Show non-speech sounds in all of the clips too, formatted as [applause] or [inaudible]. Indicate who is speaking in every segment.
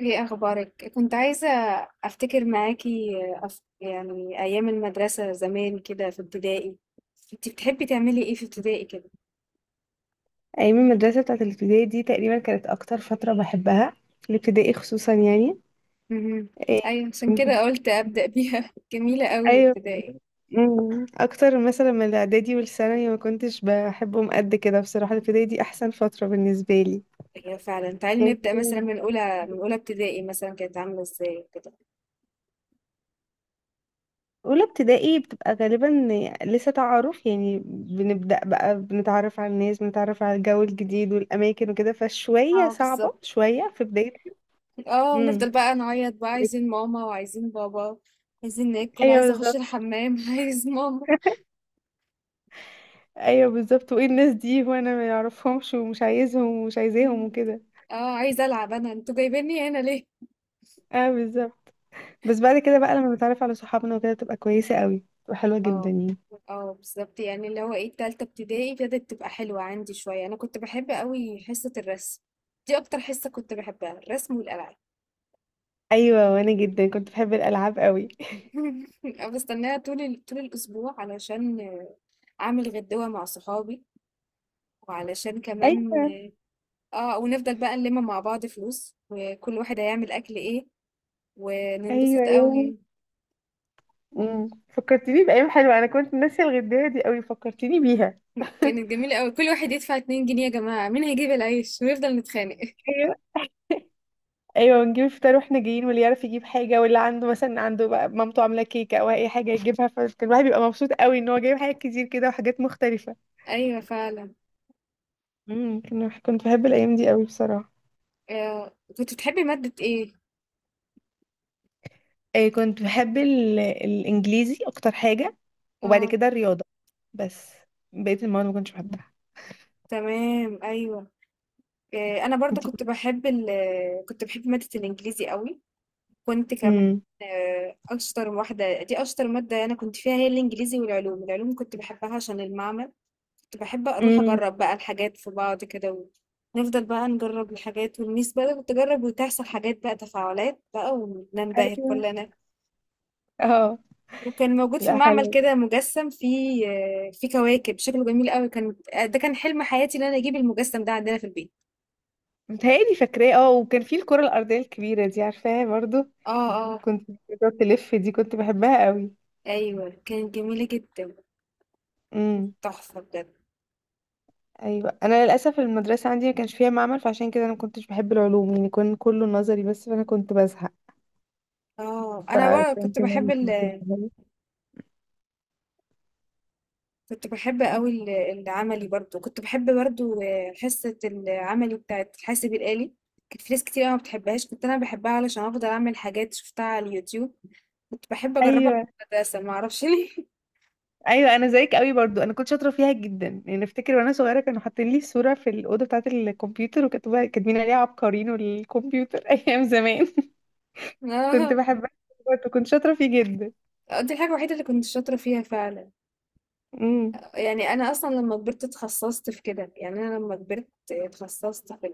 Speaker 1: ايه اخبارك، كنت عايزه افتكر معاكي. يعني ايام المدرسه زمان كده في ابتدائي. انت بتحبي تعملي ايه في ابتدائي كده؟
Speaker 2: ايام المدرسه بتاعت الابتدائي دي تقريبا كانت اكتر فتره بحبها. الابتدائي خصوصا يعني،
Speaker 1: امم.
Speaker 2: إيه،
Speaker 1: ايوه، عشان كده
Speaker 2: كنت-
Speaker 1: قلت ابدا بيها. [laughs] جميله قوي
Speaker 2: ايوه.
Speaker 1: ابتدائي.
Speaker 2: مم. اكتر مثلا من الاعدادي والثانوي ما كنتش بحبهم قد كده، بصراحه الابتدائي دي احسن فتره بالنسبه لي.
Speaker 1: هي فعلا، تعالي
Speaker 2: يعني
Speaker 1: نبدا مثلا
Speaker 2: أنا
Speaker 1: من
Speaker 2: بفكر فيها
Speaker 1: اولى
Speaker 2: دلوقتي.
Speaker 1: ابتدائي، مثلا كانت عامله ازاي كده؟
Speaker 2: اولى ابتدائي بتبقى غالبا لسه تعارف، يعني بنبدا بقى بنتعرف على الناس، بنتعرف على الجو الجديد والاماكن وكده، فشويه
Speaker 1: اه،
Speaker 2: صعبه
Speaker 1: بالظبط.
Speaker 2: شويه في بدايه.
Speaker 1: اه، ونفضل
Speaker 2: امم.
Speaker 1: بقى نعيط بقى، عايزين ماما وعايزين بابا، عايزين ناكل،
Speaker 2: ايوه
Speaker 1: عايزه اخش
Speaker 2: بالظبط.
Speaker 1: الحمام. [laughs] عايز ماما.
Speaker 2: ايوه بالظبط، وايه الناس دي وانا ما يعرفهمش، ومش عايزهم ومش عايزاهم وكده.
Speaker 1: اه، عايزه العب، انا انتوا جايبيني هنا ليه؟
Speaker 2: اه بالظبط. بس بعد كده بقى، لما بتعرف على صحابنا وكده، تبقى كويسه قوي وحلوه جدا
Speaker 1: اه،
Speaker 2: يعني.
Speaker 1: اه بالظبط. يعني اللي هو ايه، التالتة ابتدائي بدأت تبقى حلوة عندي شوية. انا كنت بحب قوي حصة الرسم، دي اكتر حصة كنت بحبها، الرسم والالعاب.
Speaker 2: ايوه، وانا جدا كنت بحب الالعاب قوي.
Speaker 1: [laughs] بستناها طول طول الاسبوع علشان اعمل غدوة مع صحابي، وعلشان
Speaker 2: [laughs]
Speaker 1: كمان
Speaker 2: ايوه.
Speaker 1: اه ونفضل بقى نلم مع بعض فلوس، وكل واحد هيعمل اكل ايه،
Speaker 2: ايوه
Speaker 1: وننبسط
Speaker 2: يا
Speaker 1: قوي.
Speaker 2: امم، فكرتيني بايام حلوه. انا كنت ناسيه الغدايه دي قوي، فكرتيني بيها.
Speaker 1: [laughs]
Speaker 2: [laughs]
Speaker 1: كانت جميلة قوي، كل واحد يدفع 2 جنيه يا جماعة، مين هيجيب العيش، ونفضل نتخانق. [laughs]
Speaker 2: ايوه. ايوه، ونجيب الفطار واحنا جايين، واللي يعرف يجيب حاجه، واللي عنده مثلا عنده بقى مامته عامله كيكه او اي حاجه يجيبها، فكان الواحد بيبقى مبسوط قوي ان هو جايب حاجات كتير كده وحاجات مختلفه.
Speaker 1: ايوه فعلا.
Speaker 2: امم. كنت بحب الايام دي قوي بصراحه.
Speaker 1: آه. كنت بتحبي مادة ايه؟
Speaker 2: آه، كنت بحب الانجليزي اكتر حاجة. وبعد
Speaker 1: اه
Speaker 2: كده الرياضة. بس بقية المواد ما كنتش بحبها.
Speaker 1: تمام، أيوه. أنا برضه
Speaker 2: انتي كنت.
Speaker 1: كنت باحب مادة الإنجليزي أوي، كنت كمان
Speaker 2: امم.
Speaker 1: أشطر واحدة، دي أشطر مادة أنا كنت فيها، هي الإنجليزي والعلوم. العلوم كنت باحبها عشان المعمل، كنت باحب أروح
Speaker 2: امم.
Speaker 1: أجرّب بقى الحاجات في بعض كده، ونفضل بقى نجرّب الحاجات والميس بقى تجرّب وتحصل حاجات بقى تفاعلات بقى، وننبهر
Speaker 2: ايوه.
Speaker 1: كلنا.
Speaker 2: اه.
Speaker 1: وكان موجود في
Speaker 2: لا،
Speaker 1: المعمل
Speaker 2: حلوه.
Speaker 1: كده مجسّم فيه فيه كواكب، شكله جميل أوي. كان ده كان حلم حياتي إن أنا أجيب المجسّم ده عندنا في البيت.
Speaker 2: متهيألي فاكراه، اه. وكان في الكرة الأرضية الكبيرة دي، عارفاها برضو؟
Speaker 1: آه، آه.
Speaker 2: كنت بتقعد تلف دي، كنت بحبها قوي.
Speaker 1: ايوه كانت جميله جدا، كانت
Speaker 2: امم.
Speaker 1: تحفه بجد.
Speaker 2: ايوه، انا للاسف المدرسه عندي ما كانش فيها معمل، فعشان كده انا ما كنتش بحب العلوم. يعني كان كله نظري بس، فانا كنت بزهق.
Speaker 1: اه، انا برضه
Speaker 2: فعشان كده ما كنتش بحبها.
Speaker 1: كنت بحب قوي العملي، برضه كنت بحب برضه، حصه العملي بتاعت الحاسب الالي. كانت في ناس كتير قوي ما بتحبهاش، كنت انا بحبها علشان افضل اعمل حاجات شفتها على اليوتيوب، كنت بحب اجربها في
Speaker 2: ايوه
Speaker 1: المدرسه، ما اعرفش ليه.
Speaker 2: ايوه، انا زيك قوي برضو، انا كنت شاطره فيها جدا. يعني افتكر وانا صغيره كانوا حاطين لي صوره في الاوضه بتاعه الكمبيوتر، وكاتبه كاتبين عليها عبقرين والكمبيوتر. [laughs] ايام زمان. كنت
Speaker 1: [laughs]
Speaker 2: بحبها. برضو كنت شاطره فيه جدا.
Speaker 1: اه، دي الحاجه الوحيده اللي كنت شاطره فيها فعلا.
Speaker 2: امم.
Speaker 1: يعني انا اصلا لما كبرت اتخصصت في كده، يعني انا لما كبرت اتخصصت في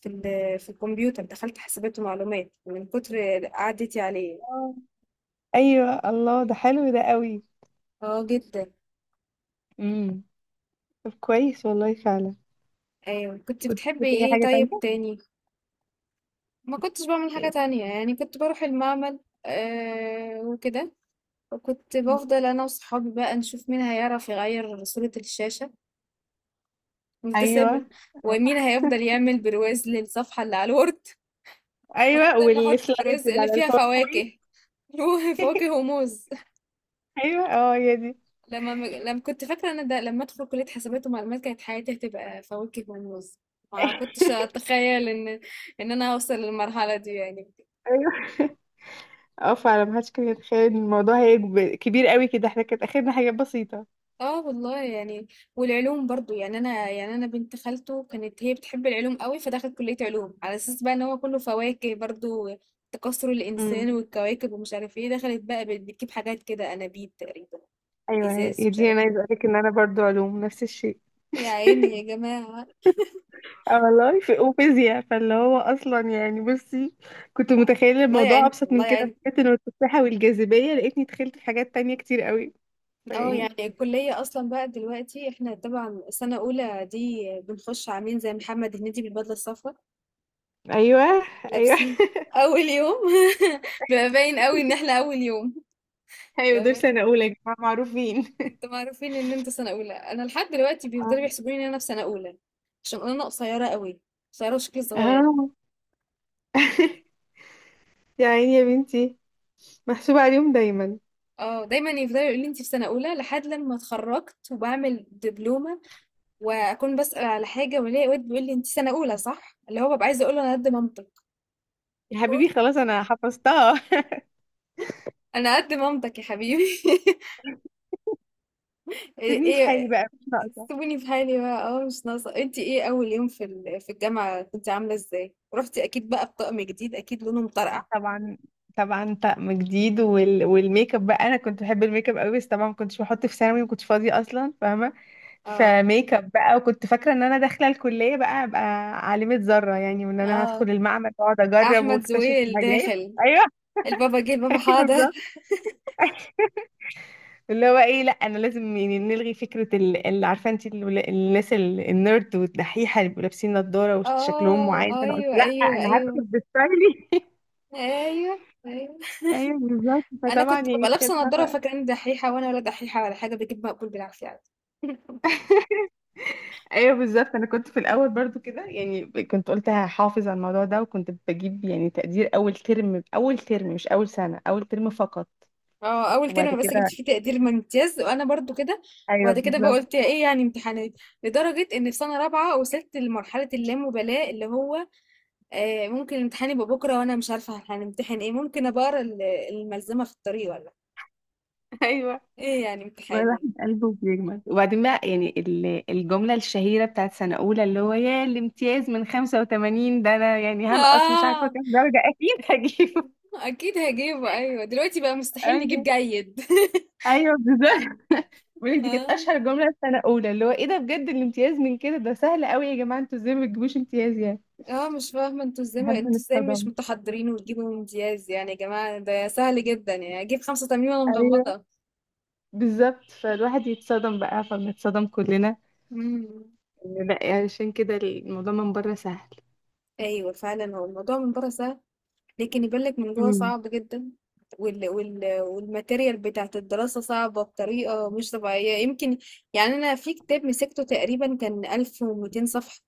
Speaker 1: في ال في الكمبيوتر، دخلت حاسبات ومعلومات من كتر قعدتي عليه.
Speaker 2: آه. ايوه، الله ده حلو ده قوي.
Speaker 1: آه جدًا،
Speaker 2: امم. طب كويس والله فعلا.
Speaker 1: أيوه. كنت
Speaker 2: كنت
Speaker 1: بتحبي
Speaker 2: شاطره في اي
Speaker 1: إيه
Speaker 2: حاجه تانية.
Speaker 1: طيب تاني؟ ما كنتش باعمل حاجة تانية، يعني كنت باروح المعمل وكده، وكنت
Speaker 2: مم.
Speaker 1: بافضل أنا وصحابي بقى نشوف مين هيعرف يغيّر صورة الشاشة، نتسابق،
Speaker 2: ايوه.
Speaker 1: ومين
Speaker 2: آه.
Speaker 1: هيفضل يعمل برواز للصفحة اللي على الوورد،
Speaker 2: ايوه،
Speaker 1: ونفضل نحط
Speaker 2: والسلايد
Speaker 1: برواز
Speaker 2: اللي
Speaker 1: اللي
Speaker 2: على
Speaker 1: فيها
Speaker 2: الباوربوينت.
Speaker 1: فواكه. [laughs] فواكه
Speaker 2: [laughs]
Speaker 1: وموز.
Speaker 2: ايوه، اه هي دي.
Speaker 1: لما كنت فاكرة أنا ده، لما أدخل كلية حسابات ومعلومات كانت حياتي هتبقى فواكه ونوز. ما كنتش أتخيل إن أنا أوصل للمرحلة دي يعني.
Speaker 2: [laughs] ايوه، اه فعلا محدش كان يتخيل ان الموضوع هيكبر كبير قوي كده، احنا كانت اخرنا حاجات بسيطة.
Speaker 1: اه والله يعني، والعلوم برضو يعني أنا بنت خالته كانت هي بتحب العلوم قوي، فدخلت كلية علوم على أساس بقى إن هو كله فواكه برضو. تكاثر الإنسان
Speaker 2: امم.
Speaker 1: والكواكب ومش عارف ايه، دخلت بقى بتجيب حاجات كده، أنابيب تقريبا،
Speaker 2: ايوه،
Speaker 1: إزاز،
Speaker 2: يا
Speaker 1: مش
Speaker 2: دي انا
Speaker 1: عارف
Speaker 2: عايزه
Speaker 1: ايه.
Speaker 2: اقولك ان انا برضو علوم نفس الشيء.
Speaker 1: يا عيني يا
Speaker 2: [laughs]
Speaker 1: جماعة.
Speaker 2: اه والله، في وفيزياء. فاللي هو اصلا يعني بصي، كنت
Speaker 1: لا،
Speaker 2: متخيله
Speaker 1: الله
Speaker 2: الموضوع
Speaker 1: يعينكم
Speaker 2: ابسط
Speaker 1: الله
Speaker 2: من كده، في
Speaker 1: يعين.
Speaker 2: حته إنه التفاحه والجاذبيه، لقيتني دخلت في حاجات تانية كتير قوي.
Speaker 1: اه،
Speaker 2: فيعني.
Speaker 1: يعني الكلية أصلا بقى دلوقتي احنا طبعا سنة أولى دي بنخش عاملين زي محمد هنيدي بالبدلة الصفراء،
Speaker 2: ايوه. ايوه.
Speaker 1: لابسين أول يوم. [laughs] بيبقى باين قوي إن احنا أول يوم،
Speaker 2: [laughs] ايوه،
Speaker 1: بيبقى
Speaker 2: دول
Speaker 1: باين،
Speaker 2: سنه اولى يا جماعه، معروفين.
Speaker 1: انتوا معروفين إن انتوا سنة أولى. أنا لحد دلوقتي بيفضلوا
Speaker 2: اه.
Speaker 1: يحسبوني إن أنا في سنة أولى، عشان أنا قصيرة قوي، قصيرة وشكلي صغير.
Speaker 2: آه. [laughs] يا عيني يا بنتي. محسوبه عليهم دايما.
Speaker 1: اه، دايما يفضلوا يقولوا لي انت في سنة أولى، لحد لما اتخرجت وبعمل دبلومة، وأكون بسأل على حاجة وألاقي واد بيقول لي انت سنة أولى صح؟ اللي هو ببقى عايزة أقول له أنا قد مامتك،
Speaker 2: يا حبيبي خلاص، انا حفظتها.
Speaker 1: انا قد مامتك يا حبيبي. [laughs] ايه
Speaker 2: سيبني في حالي
Speaker 1: إيه،
Speaker 2: بقى، مش ناقصه.
Speaker 1: سيبوني في حالي بقى، مش ناقصه. انت ايه اول يوم في في الجامعه كنت عامله ازاي؟ رحتي اكيد بقى بطقم جديد، اكيد لونه مطرقع.
Speaker 2: طبعا. طبعا طقم جديد، والميك اب بقى. انا كنت بحب الميك اب قوي، بس طبعا ما كنتش بحط في ثانوي، ما كنتش فاضيه اصلا، فاهمه.
Speaker 1: اه
Speaker 2: فميك اب بقى، وكنت فاكره ان انا داخله الكليه بقى ابقى عالمه ذره يعني، وان انا
Speaker 1: اه،
Speaker 2: هدخل المعمل واقعد اجرب
Speaker 1: احمد
Speaker 2: واكتشف
Speaker 1: زويل
Speaker 2: حاجات.
Speaker 1: داخل،
Speaker 2: ايوه.
Speaker 1: البابا جه
Speaker 2: [laughs]
Speaker 1: البابا
Speaker 2: ايوه
Speaker 1: حاضر.
Speaker 2: بالظبط. اللي هو ايه، لا انا لازم يعني نلغي فكره اللي عارفه انت الناس النيرد والدحيحه اللي بيبقوا لابسين نضاره وشكلهم معين.
Speaker 1: اه
Speaker 2: فانا قلت
Speaker 1: ايوه
Speaker 2: لا،
Speaker 1: ايوه
Speaker 2: انا
Speaker 1: ايوه.
Speaker 2: هدخل بستايلي. [laughs]
Speaker 1: ايوه ايوه.
Speaker 2: ايوه بالظبط.
Speaker 1: انا
Speaker 2: فطبعا
Speaker 1: كنت
Speaker 2: يعني
Speaker 1: ببقى لابسه
Speaker 2: تخيلها
Speaker 1: نضاره
Speaker 2: بقى.
Speaker 1: فاكره اني دحيحه، وانا ولا دحيحه ولا حاجه، بجيب مقبول بالعافيه عادي. [laughs]
Speaker 2: ايوه بالظبط، انا كنت في الاول برضو كده. يعني كنت قلت هحافظ على الموضوع ده، وكنت بجيب يعني تقدير. اول ترم، اول ترم مش اول سنه، اول ترم فقط.
Speaker 1: اه، اول
Speaker 2: وبعد
Speaker 1: ترم بس جبت
Speaker 2: كده.
Speaker 1: فيه تقدير ممتاز، وانا برضو كده.
Speaker 2: ايوه
Speaker 1: وبعد كده بقى قلت
Speaker 2: بالظبط.
Speaker 1: ايه، يعني امتحانات، لدرجه ان في سنه رابعه وصلت لمرحله اللامبالاه، اللي هو ممكن الامتحان يبقى بكره وانا مش عارفه هنمتحن ايه، ممكن ابقى اقرا الملزمه في الطريق، ولا
Speaker 2: [laughs] ايوه.
Speaker 1: ايه يعني
Speaker 2: ما
Speaker 1: امتحاني.
Speaker 2: الواحد قلبه بيجمد، وبعدين بقى يعني الجمله الشهيره بتاعت سنه اولى، اللي هو يا الامتياز من 85 ده، انا يعني هنقص مش عارفه
Speaker 1: اه،
Speaker 2: كام درجه، اكيد هجيبه.
Speaker 1: اكيد هجيبه. ايوه، دلوقتي بقى مستحيل نجيب
Speaker 2: ايوه.
Speaker 1: جيد.
Speaker 2: ايوه بالظبط. بقول لك
Speaker 1: [laughs]
Speaker 2: دي كانت
Speaker 1: اه
Speaker 2: اشهر جمله في سنه اولى، اللي هو ايه ده بجد، الامتياز من كده، ده سهل قوي يا جماعه، انتوا ازاي ما بتجيبوش امتياز يعني.
Speaker 1: اه، مش فاهمه
Speaker 2: لحد ما
Speaker 1: انتوا ازاي مش
Speaker 2: نتصدم.
Speaker 1: متحضرين وتجيبوا امتياز يعني، يا جماعه ده سهل جدا، يعني اجيب 85 وانا
Speaker 2: ايوه.
Speaker 1: مغمضه.
Speaker 2: بالظبط، فالواحد يتصدم بقى، فبنتصدم كلنا.
Speaker 1: مم.
Speaker 2: إن لا يعني، عشان كده الموضوع من بره سهل.
Speaker 1: ايوه فعلا، هو الموضوع من بره سهل، لكن يبان لك من جوه
Speaker 2: امم.
Speaker 1: صعب جدا. وال والماتيريال بتاعت الدراسة صعبة بطريقة مش طبيعية، يمكن يعني أنا في كتاب مسكته تقريبا كان 1200 صفحة،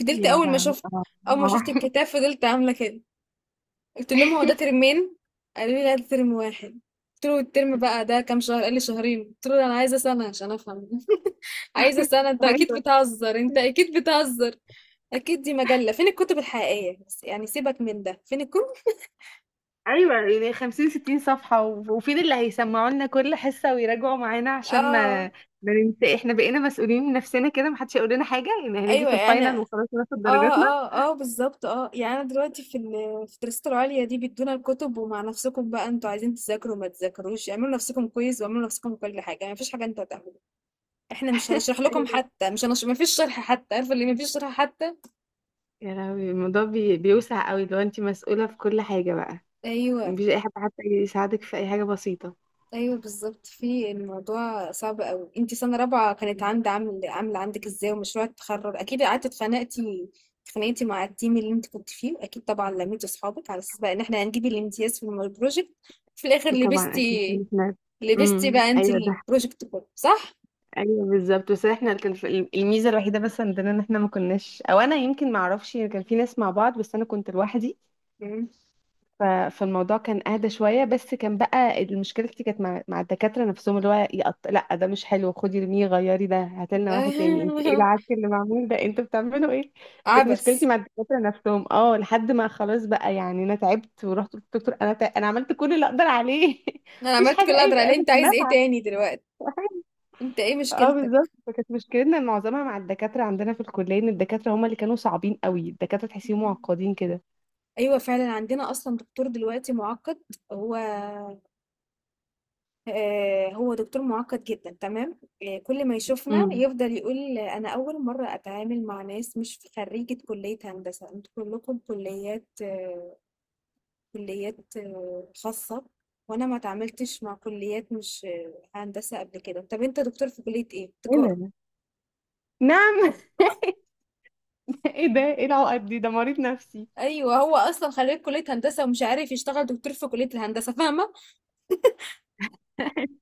Speaker 1: فضلت
Speaker 2: يا لهوي اه.
Speaker 1: أول ما شفت
Speaker 2: آه.
Speaker 1: الكتاب فضلت عاملة كده، قلت لهم هو ده
Speaker 2: [laughs]
Speaker 1: ترمين؟ قالوا لي لا ده ترم واحد، قلت له الترم بقى ده كام شهر؟ قال لي شهرين، قلت له أنا عايزة سنة عشان أفهم. [laughs] عايزة سنة، أنت أكيد
Speaker 2: ايوه.
Speaker 1: بتهزر أنت أكيد بتهزر، اكيد دي مجلة، فين الكتب الحقيقية، بس يعني سيبك من ده، فين الكتب.
Speaker 2: ايوه، يعني 50 60 صفحه، وفين اللي هيسمعوا لنا كل حصه ويراجعوا معانا عشان ما
Speaker 1: اه
Speaker 2: ما ننسى. احنا بقينا مسؤولين من نفسنا كده، محدش هيقول لنا حاجه، يعني هنيجي
Speaker 1: ايوه،
Speaker 2: في
Speaker 1: انا
Speaker 2: الفاينل وخلاص ناخد
Speaker 1: اه
Speaker 2: درجاتنا.
Speaker 1: اه اه بالظبط. اه، يعني انا دلوقتي في في الدراسات العليا دي بيدونا الكتب، ومع نفسكم بقى، انتوا عايزين تذاكروا ما تذاكروش، اعملوا نفسكم كويس واعملوا نفسكم كل حاجة، يعني مفيش حاجة انتوا هتعملوها، احنا مش هنشرح لكم
Speaker 2: [laughs]
Speaker 1: حتى، مش هنشرح، مفيش شرح حتى، عارفة اللي مفيش شرح حتى.
Speaker 2: يا لهوي، الموضوع بيوسع قوي لو انت مسؤولة في كل حاجة بقى.
Speaker 1: ايوه،
Speaker 2: مفيش اي حد حتى يساعدك في اي حاجة بسيطة.
Speaker 1: ايوه بالظبط، في الموضوع صعب قوي. انتي سنه رابعه
Speaker 2: [laughs]
Speaker 1: كانت
Speaker 2: مم.
Speaker 1: عند عامله عندك ازاي؟ ومشروع التخرج اكيد قعدتي اتخانقتي، اتخانقتي مع التيم اللي انت كنت فيه اكيد، طبعا لميتي اصحابك على اساس بقى ان احنا هنجيب الامتياز في البروجكت، في الاخر
Speaker 2: طبعا اكيد. احنا.
Speaker 1: لبستي
Speaker 2: امم،
Speaker 1: بقى انت
Speaker 2: ايوه ده.
Speaker 1: البروجكت كله صح.
Speaker 2: ايوه بالظبط، بس احنا كان الميزة الوحيدة بس عندنا، ان احنا ما كناش، او انا يمكن ما اعرفش، كان في ناس مع بعض، بس انا كنت لوحدي.
Speaker 1: مم.
Speaker 2: ف- فالموضوع كان اهدى شويه، بس كان بقى مشكلتي كانت مع الدكاتره نفسهم. اللي هو لا ده مش حلو، خدي ارميه غيري، ده هاتلنا واحد تاني، انت ايه
Speaker 1: [laughs]
Speaker 2: العك اللي معمول ده، انتوا بتعملوا ايه؟ كانت مشكلتي
Speaker 1: عبس.
Speaker 2: مع الدكاتره نفسهم، اه. لحد ما خلاص بقى، يعني انا تعبت ورحت قلت للدكتور، انا انا عملت كل اللي اقدر عليه. [laughs]
Speaker 1: انا
Speaker 2: مفيش
Speaker 1: عملت كل
Speaker 2: حاجه
Speaker 1: اللي
Speaker 2: اي
Speaker 1: اقدر عليه،
Speaker 2: قامت
Speaker 1: انت عايز ايه
Speaker 2: نافعه.
Speaker 1: تاني دلوقتي؟ انت ايه
Speaker 2: [laughs] اه
Speaker 1: مشكلتك؟
Speaker 2: بالظبط، فكانت مشكلتنا معظمها مع الدكاتره عندنا في الكليه، ان الدكاتره هم اللي كانوا صعبين قوي، الدكاتره تحسيهم
Speaker 1: مم.
Speaker 2: معقدين كده.
Speaker 1: ايوه فعلا عندنا اصلا دكتور دلوقتي معقد، هو هو دكتور مُعقّد جدًا، تمام. كل ما يشوفنا
Speaker 2: امم.
Speaker 1: يفضل يقول أنا أول مرّة أتعامل مع ناس مش خرّيجة كُلّية هندسة، أنتم كلّكم كُلّيات خاصة وأنا ما اتعاملتش مع كُلّيات مش هندسة قبل كده، طَب أنت دكتور في كُلّية إيه؟
Speaker 2: ايه
Speaker 1: تجارة.
Speaker 2: ده؟ نعم. [laughs] ايه ده، ايه العقد دي، ده مريض نفسي.
Speaker 1: أيوه هو أصلًا خرّيج كُلّية هندسة ومش عارف يشتغل دكتور في كُلّية الهندسة فاهمة،
Speaker 2: [laughs]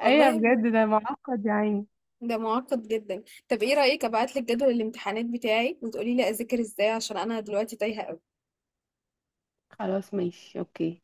Speaker 2: ايوه
Speaker 1: والله ب
Speaker 2: بجد، ده معقد يا عيني.
Speaker 1: ده مُعقّد جدًا، طَب إيه رأيِك أبعت لِك جدول الامتحانات بتاعي وتقولي لي أذاكر إزاي، عشان أنا دلوقتي تايهة أوي.
Speaker 2: خلاص ماشي اوكي.